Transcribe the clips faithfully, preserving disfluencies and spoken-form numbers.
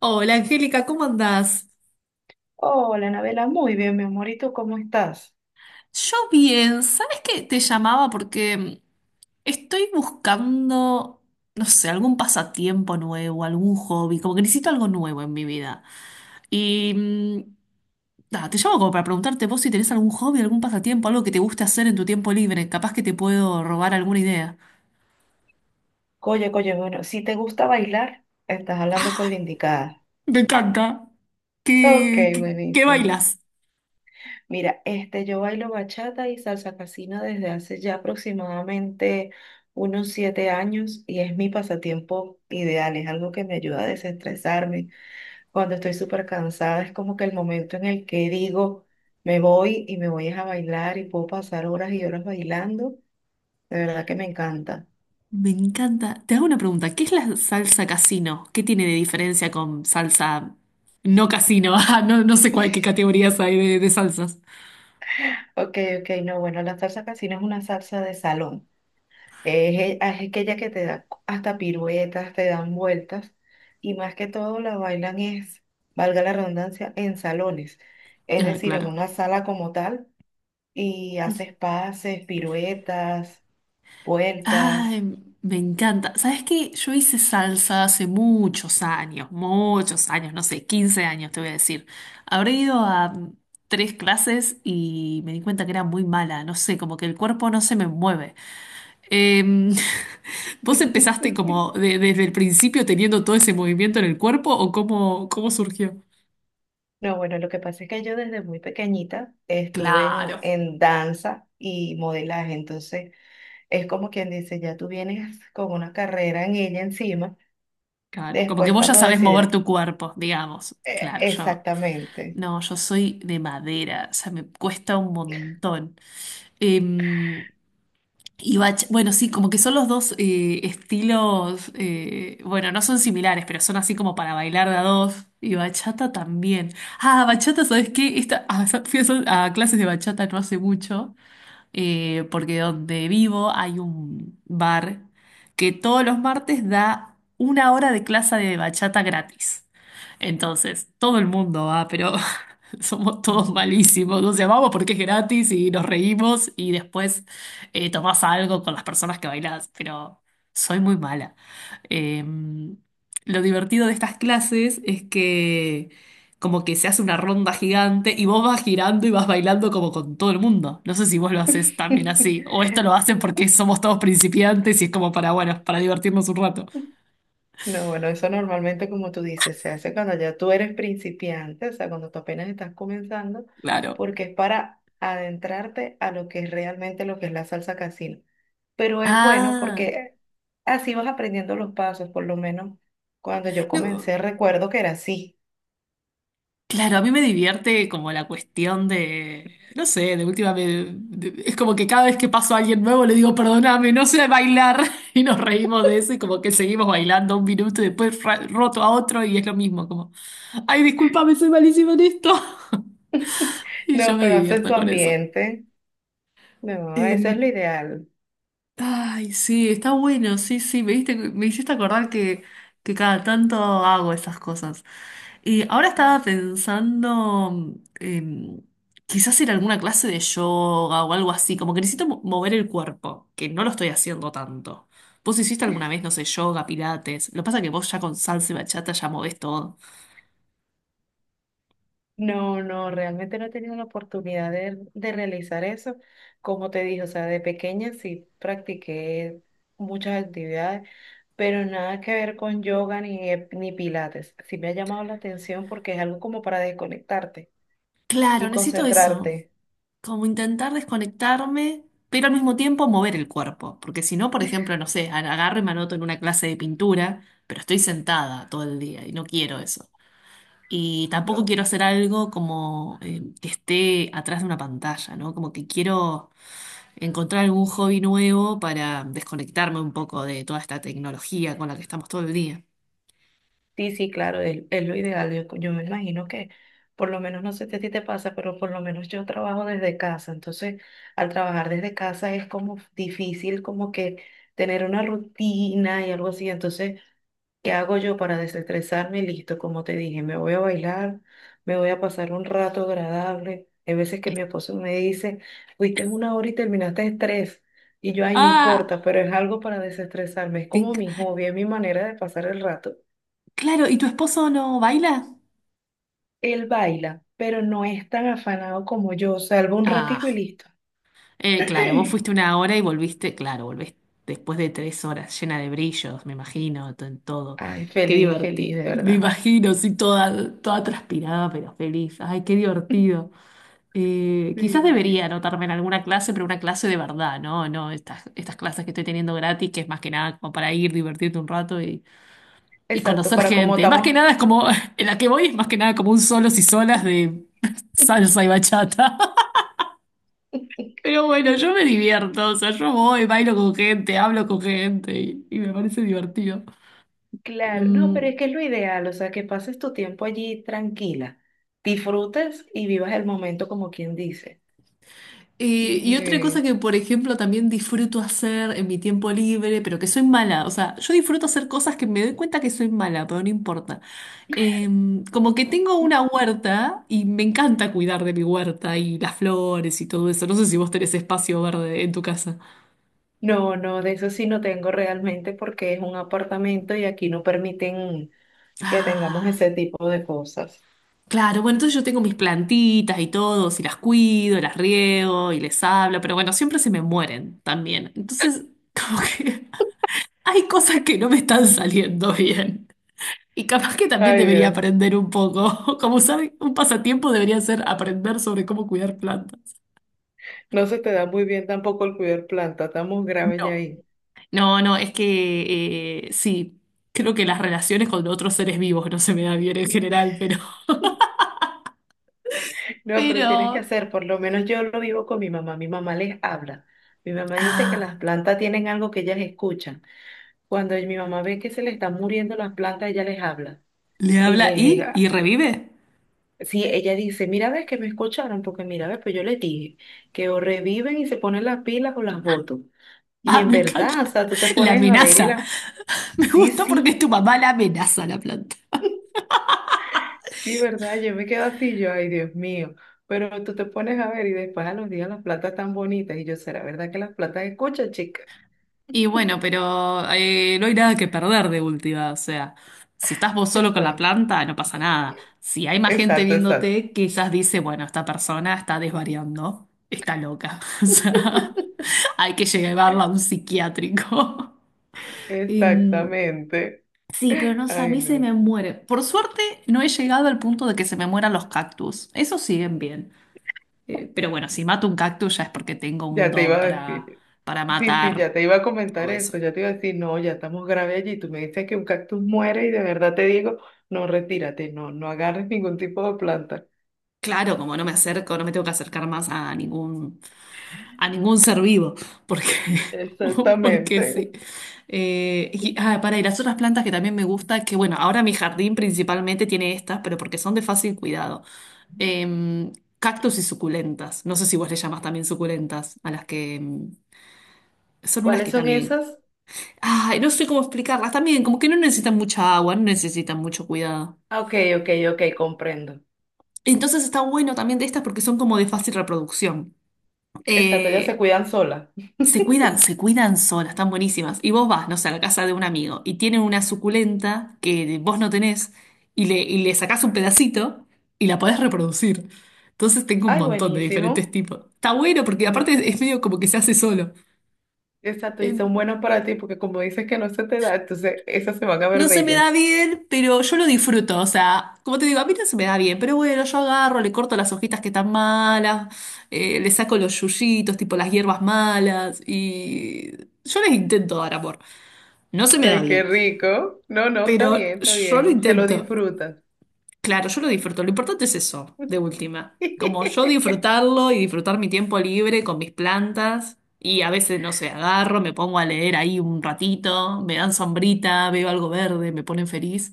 Hola Angélica, ¿cómo andás? Hola, Anabela, muy bien, mi amorito, ¿cómo estás? Yo bien, ¿sabes qué? Te llamaba porque estoy buscando, no sé, algún pasatiempo nuevo, algún hobby, como que necesito algo nuevo en mi vida. Y mm, nada, te llamo como para preguntarte vos si tenés algún hobby, algún pasatiempo, algo que te guste hacer en tu tiempo libre, capaz que te puedo robar alguna idea. Oye, oye, bueno, si te gusta bailar, estás hablando con la indicada. Me encanta. Ok, ¿Qué, qué, qué buenísimo. bailas? Mira, este, yo bailo bachata y salsa casina desde hace ya aproximadamente unos siete años y es mi pasatiempo ideal, es algo que me ayuda a desestresarme. Cuando estoy súper cansada, es como que el momento en el que digo, me voy y me voy es a bailar y puedo pasar horas y horas bailando. De verdad que me encanta. Me encanta. Te hago una pregunta. ¿Qué es la salsa casino? ¿Qué tiene de diferencia con salsa no casino? Ah, no, no sé cuál, qué categorías hay de, de salsas. Ok, ok, no, bueno, la salsa casino es una salsa de salón. Es, e- es aquella que te da hasta piruetas, te dan vueltas y más que todo la bailan es, valga la redundancia, en salones, es Ah, decir, en claro. una sala como tal y haces pases, piruetas, Ay, vueltas. me encanta. ¿Sabes qué? Yo hice salsa hace muchos años, muchos años, no sé, quince años te voy a decir. Habré ido a mm, tres clases y me di cuenta que era muy mala. No sé, como que el cuerpo no se me mueve. Em, ¿vos empezaste como de- desde el principio teniendo todo ese movimiento en el cuerpo o cómo, cómo surgió? No, bueno, lo que pasa es que yo desde muy pequeñita estuve en, Claro, en danza y modelaje, entonces es como quien dice, ya tú vienes con una carrera en ella encima. claro. Como que Después, vos ya cuando sabés mover decide, tu cuerpo, digamos. eh, Claro, yo. exactamente. No, yo soy de madera, o sea, me cuesta un montón. Em, Y bach- bueno, sí, como que son los dos eh, estilos, eh, bueno, no son similares, pero son así como para bailar de a dos. Y bachata también. Ah, bachata, ¿sabes qué? Esta, ah, sa- fui a, sol- a clases de bachata no hace mucho, eh, porque donde vivo hay un bar que todos los martes da una hora de clase de bachata gratis. Entonces, todo el mundo va, pero Somos todos No. malísimos, nos llamamos porque es gratis y nos reímos y después eh, tomás algo con las personas que bailás, pero soy muy mala. Eh, lo divertido de estas clases es que como que se hace una ronda gigante y vos vas girando y vas bailando como con todo el mundo. No sé si vos lo haces también así, o esto lo hacen porque somos todos principiantes y es como para, bueno, para divertirnos un rato. No, bueno, eso normalmente, como tú dices, se hace cuando ya tú eres principiante, o sea, cuando tú apenas estás comenzando, Claro. porque es para adentrarte a lo que es realmente lo que es la salsa casino. Pero es bueno Ah, porque así vas aprendiendo los pasos, por lo menos cuando yo no. comencé, recuerdo que era así. Claro, a mí me divierte como la cuestión de, no sé, de última vez, es como que cada vez que paso a alguien nuevo le digo, perdóname, no sé bailar, y nos reímos de eso y como que seguimos bailando un minuto y después ra- roto a otro y es lo mismo, como, ay, discúlpame, soy malísimo en esto. Y yo No, me pero haces divierto tu con eso. ambiente. No, eso es lo ideal. Ay, sí, está bueno, sí, sí, me diste- me hiciste acordar que, que cada tanto hago esas cosas. Y ahora estaba pensando, em, quizás ir a alguna clase de yoga o algo así, como que necesito mo- mover el cuerpo, que no lo estoy haciendo tanto. ¿Vos hiciste alguna vez, no sé, yoga, pilates? Lo que pasa es que vos ya con salsa y bachata ya movés todo. No, no, realmente no he tenido la oportunidad de, de realizar eso. Como te dije, o sea, de pequeña sí practiqué muchas actividades, pero nada que ver con yoga ni, eh, ni pilates. Sí me ha llamado la atención porque es algo como para desconectarte Claro, y necesito eso. concentrarte. Como intentar desconectarme, pero al mismo tiempo mover el cuerpo, porque si no, por ejemplo, no sé, agarro y me anoto en una clase de pintura, pero estoy sentada todo el día y no quiero eso. Y tampoco No. quiero hacer algo como eh, que esté atrás de una pantalla, ¿no? Como que quiero encontrar algún hobby nuevo para desconectarme un poco de toda esta tecnología con la que estamos todo el día. Sí, sí, claro, es, es lo ideal. Yo, yo me imagino que, por lo menos, no sé si a ti te pasa, pero por lo menos yo trabajo desde casa. Entonces, al trabajar desde casa es como difícil como que tener una rutina y algo así. Entonces, ¿qué hago yo para desestresarme? Listo, como te dije, me voy a bailar, me voy a pasar un rato agradable. Hay veces que Eh, mi esposo me dice, fuiste una hora y terminaste en tres. Y yo, ay, no importa, Ah, pero es algo para desestresarme. Es te como mi enca- hobby, es mi manera de pasar el rato. claro, ¿y tu esposo no baila? Él baila, pero no es tan afanado como yo. Salvo un ratico y Ah. listo. Eh, claro, vos fuiste una hora y volviste, claro, volvés después de tres horas, llena de brillos, me imagino, to- todo. Ay, Qué feliz, feliz, divertido, de me verdad. imagino, sí, toda, toda transpirada, pero feliz. Ay, qué divertido. Eh, quizás Sí, debería anotarme en alguna clase, pero una clase de verdad, ¿no? No, estas, estas clases que estoy teniendo gratis, que es más que nada como para ir, divertirte un rato y, y exacto, conocer para cómo gente. Más que estamos. nada es como, en la que voy es más que nada como un solos y solas de salsa y bachata. Pero bueno, yo me divierto, o sea, yo voy, bailo con gente, hablo con gente y, y me parece divertido. Claro, no, pero Em, es que es lo ideal, o sea, que pases tu tiempo allí tranquila, disfrutes y vivas el momento como quien dice. eh, y otra cosa Eh, que, por ejemplo, también disfruto hacer en mi tiempo libre, pero que soy mala, o sea, yo disfruto hacer cosas que me doy cuenta que soy mala, pero no importa. Em, como que tengo una huerta y me encanta cuidar de mi huerta y las flores y todo eso. No sé si vos tenés espacio verde en tu casa. No, no, de eso sí no tengo realmente porque es un apartamento y aquí no permiten que tengamos Ah. ese tipo de cosas. Claro, bueno, entonces yo tengo mis plantitas y todo, y las cuido, las riego y les hablo, pero bueno, siempre se me mueren también. Entonces, como que hay cosas que no me están saliendo bien. Y capaz que también Ay, debería Dios. aprender un poco. Como saben, un pasatiempo debería ser aprender sobre cómo cuidar plantas. No se te da muy bien tampoco el cuidar planta, estamos graves ya No, ahí. no, no, es que eh, sí, creo que las relaciones con otros seres vivos no se me dan bien en general, pero... No, pero tienes que Pero... hacer, por lo menos yo lo vivo con mi mamá, mi mamá les habla. Mi mamá dice que Ah, las plantas tienen algo que ellas escuchan. Cuando mi mamá ve que se le están muriendo las plantas, ella les habla. le Y habla les, y, y ah, revive. sí, ella dice, mira, ves que me escucharon, porque mira, ves, pues yo les dije que o reviven y se ponen las pilas o las boto. Y Ah, en me verdad, o encanta. sea, tú te La pones a ver y amenaza. las... Me Sí, gusta porque es tu sí, mamá la amenaza a la planta. sí, verdad, yo me quedo así, yo, ay, Dios mío. Pero tú te pones a ver y después a los días las platas tan bonitas. Y yo, ¿será verdad que las platas escuchan, chica? Y bueno, pero eh, no hay nada que perder de última. O sea, si estás vos solo con la Exacto, planta, no pasa nada. Si hay más gente exacto, exacto. viéndote, quizás dice, bueno, esta persona está desvariando, está loca. O sea, hay que llevarla a un psiquiátrico. Em, Exactamente. sí, pero no sé, a Ay, mí se no. me muere. Por suerte, no he llegado al punto de que se me mueran los cactus. Esos siguen bien. Eh, pero bueno, si mato un cactus ya es porque tengo un Ya te iba don a para, decir. para Sí, sí, ya matar te iba a comentar todo eso. eso. Ya te iba a decir, no, ya estamos grave allí. Tú me dices que un cactus muere y de verdad te digo, no, retírate, no, no agarres ningún tipo de planta. Claro, como no me acerco, no me tengo que acercar más a ningún, a ningún ser vivo, porque, porque Exactamente. sí. Eh, y, ah, para, y las otras plantas que también me gusta, que bueno, ahora mi jardín principalmente tiene estas, pero porque son de fácil cuidado. Em, cactus y suculentas. No sé si vos le llamás también suculentas, a las que em, son unas ¿Cuáles que son también esas? ay, no sé cómo explicarlas también, como que no necesitan mucha agua, no necesitan mucho cuidado. Ah, Ok, ok, ok, comprendo. Entonces está bueno también de estas porque son como de fácil reproducción. Exacto, ellas se Eh, cuidan solas. se cuidan, se cuidan solas, están buenísimas. Y vos vas, no sé, a la casa de un amigo y tienen una suculenta que vos no tenés y le, y le sacás un pedacito y la podés reproducir. Entonces tengo un Ay, montón de diferentes buenísimo. tipos. Está bueno porque No, aparte es medio como que se hace solo. exacto, y son buenos para ti porque como dices que no se te da, entonces esas se van a ver No se me bellas. da bien, pero yo lo disfruto. O sea, como te digo, a mí no se me da bien, pero bueno, yo agarro, le corto las hojitas que están malas, eh, le saco los yuyitos, tipo las hierbas malas, y yo les intento dar amor. No se me da Ay, qué bien, rico. No, no, está pero bien, está yo lo bien. Te lo intento. disfrutas. Claro, yo lo disfruto. Lo importante es eso, de última. Como yo disfrutarlo y disfrutar mi tiempo libre con mis plantas. Y a veces, no sé, agarro, me pongo a leer ahí un ratito, me dan sombrita, veo algo verde, me ponen feliz.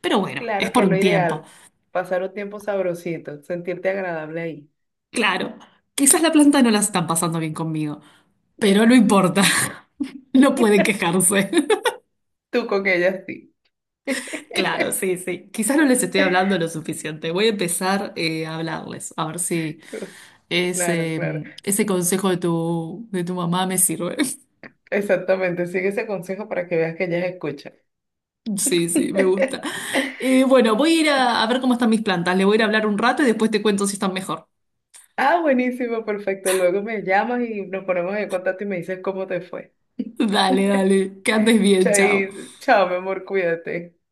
Pero bueno, es Claro que por es lo un tiempo. ideal. Pasar un tiempo sabrosito, sentirte agradable ahí. Claro, quizás la planta no la están pasando bien conmigo, pero no importa. No pueden quejarse. Tú con ellas sí. Claro, sí, sí. Quizás no les estoy hablando lo suficiente. Voy a empezar eh, a hablarles, a ver si Claro, ese, claro. ese consejo de tu, de tu mamá me sirve. Exactamente. Sigue ese consejo para que veas que ellas escuchan. Sí, sí, me gusta. Eh, bueno, voy a ir a, a ver cómo están mis plantas. Le voy a ir a hablar un rato y después te cuento si están mejor. Ah, buenísimo, perfecto. Luego me llamas y nos ponemos en contacto y me dices cómo te fue. Dale, dale. Que andes bien, chao. Chai, chao, mi amor, cuídate.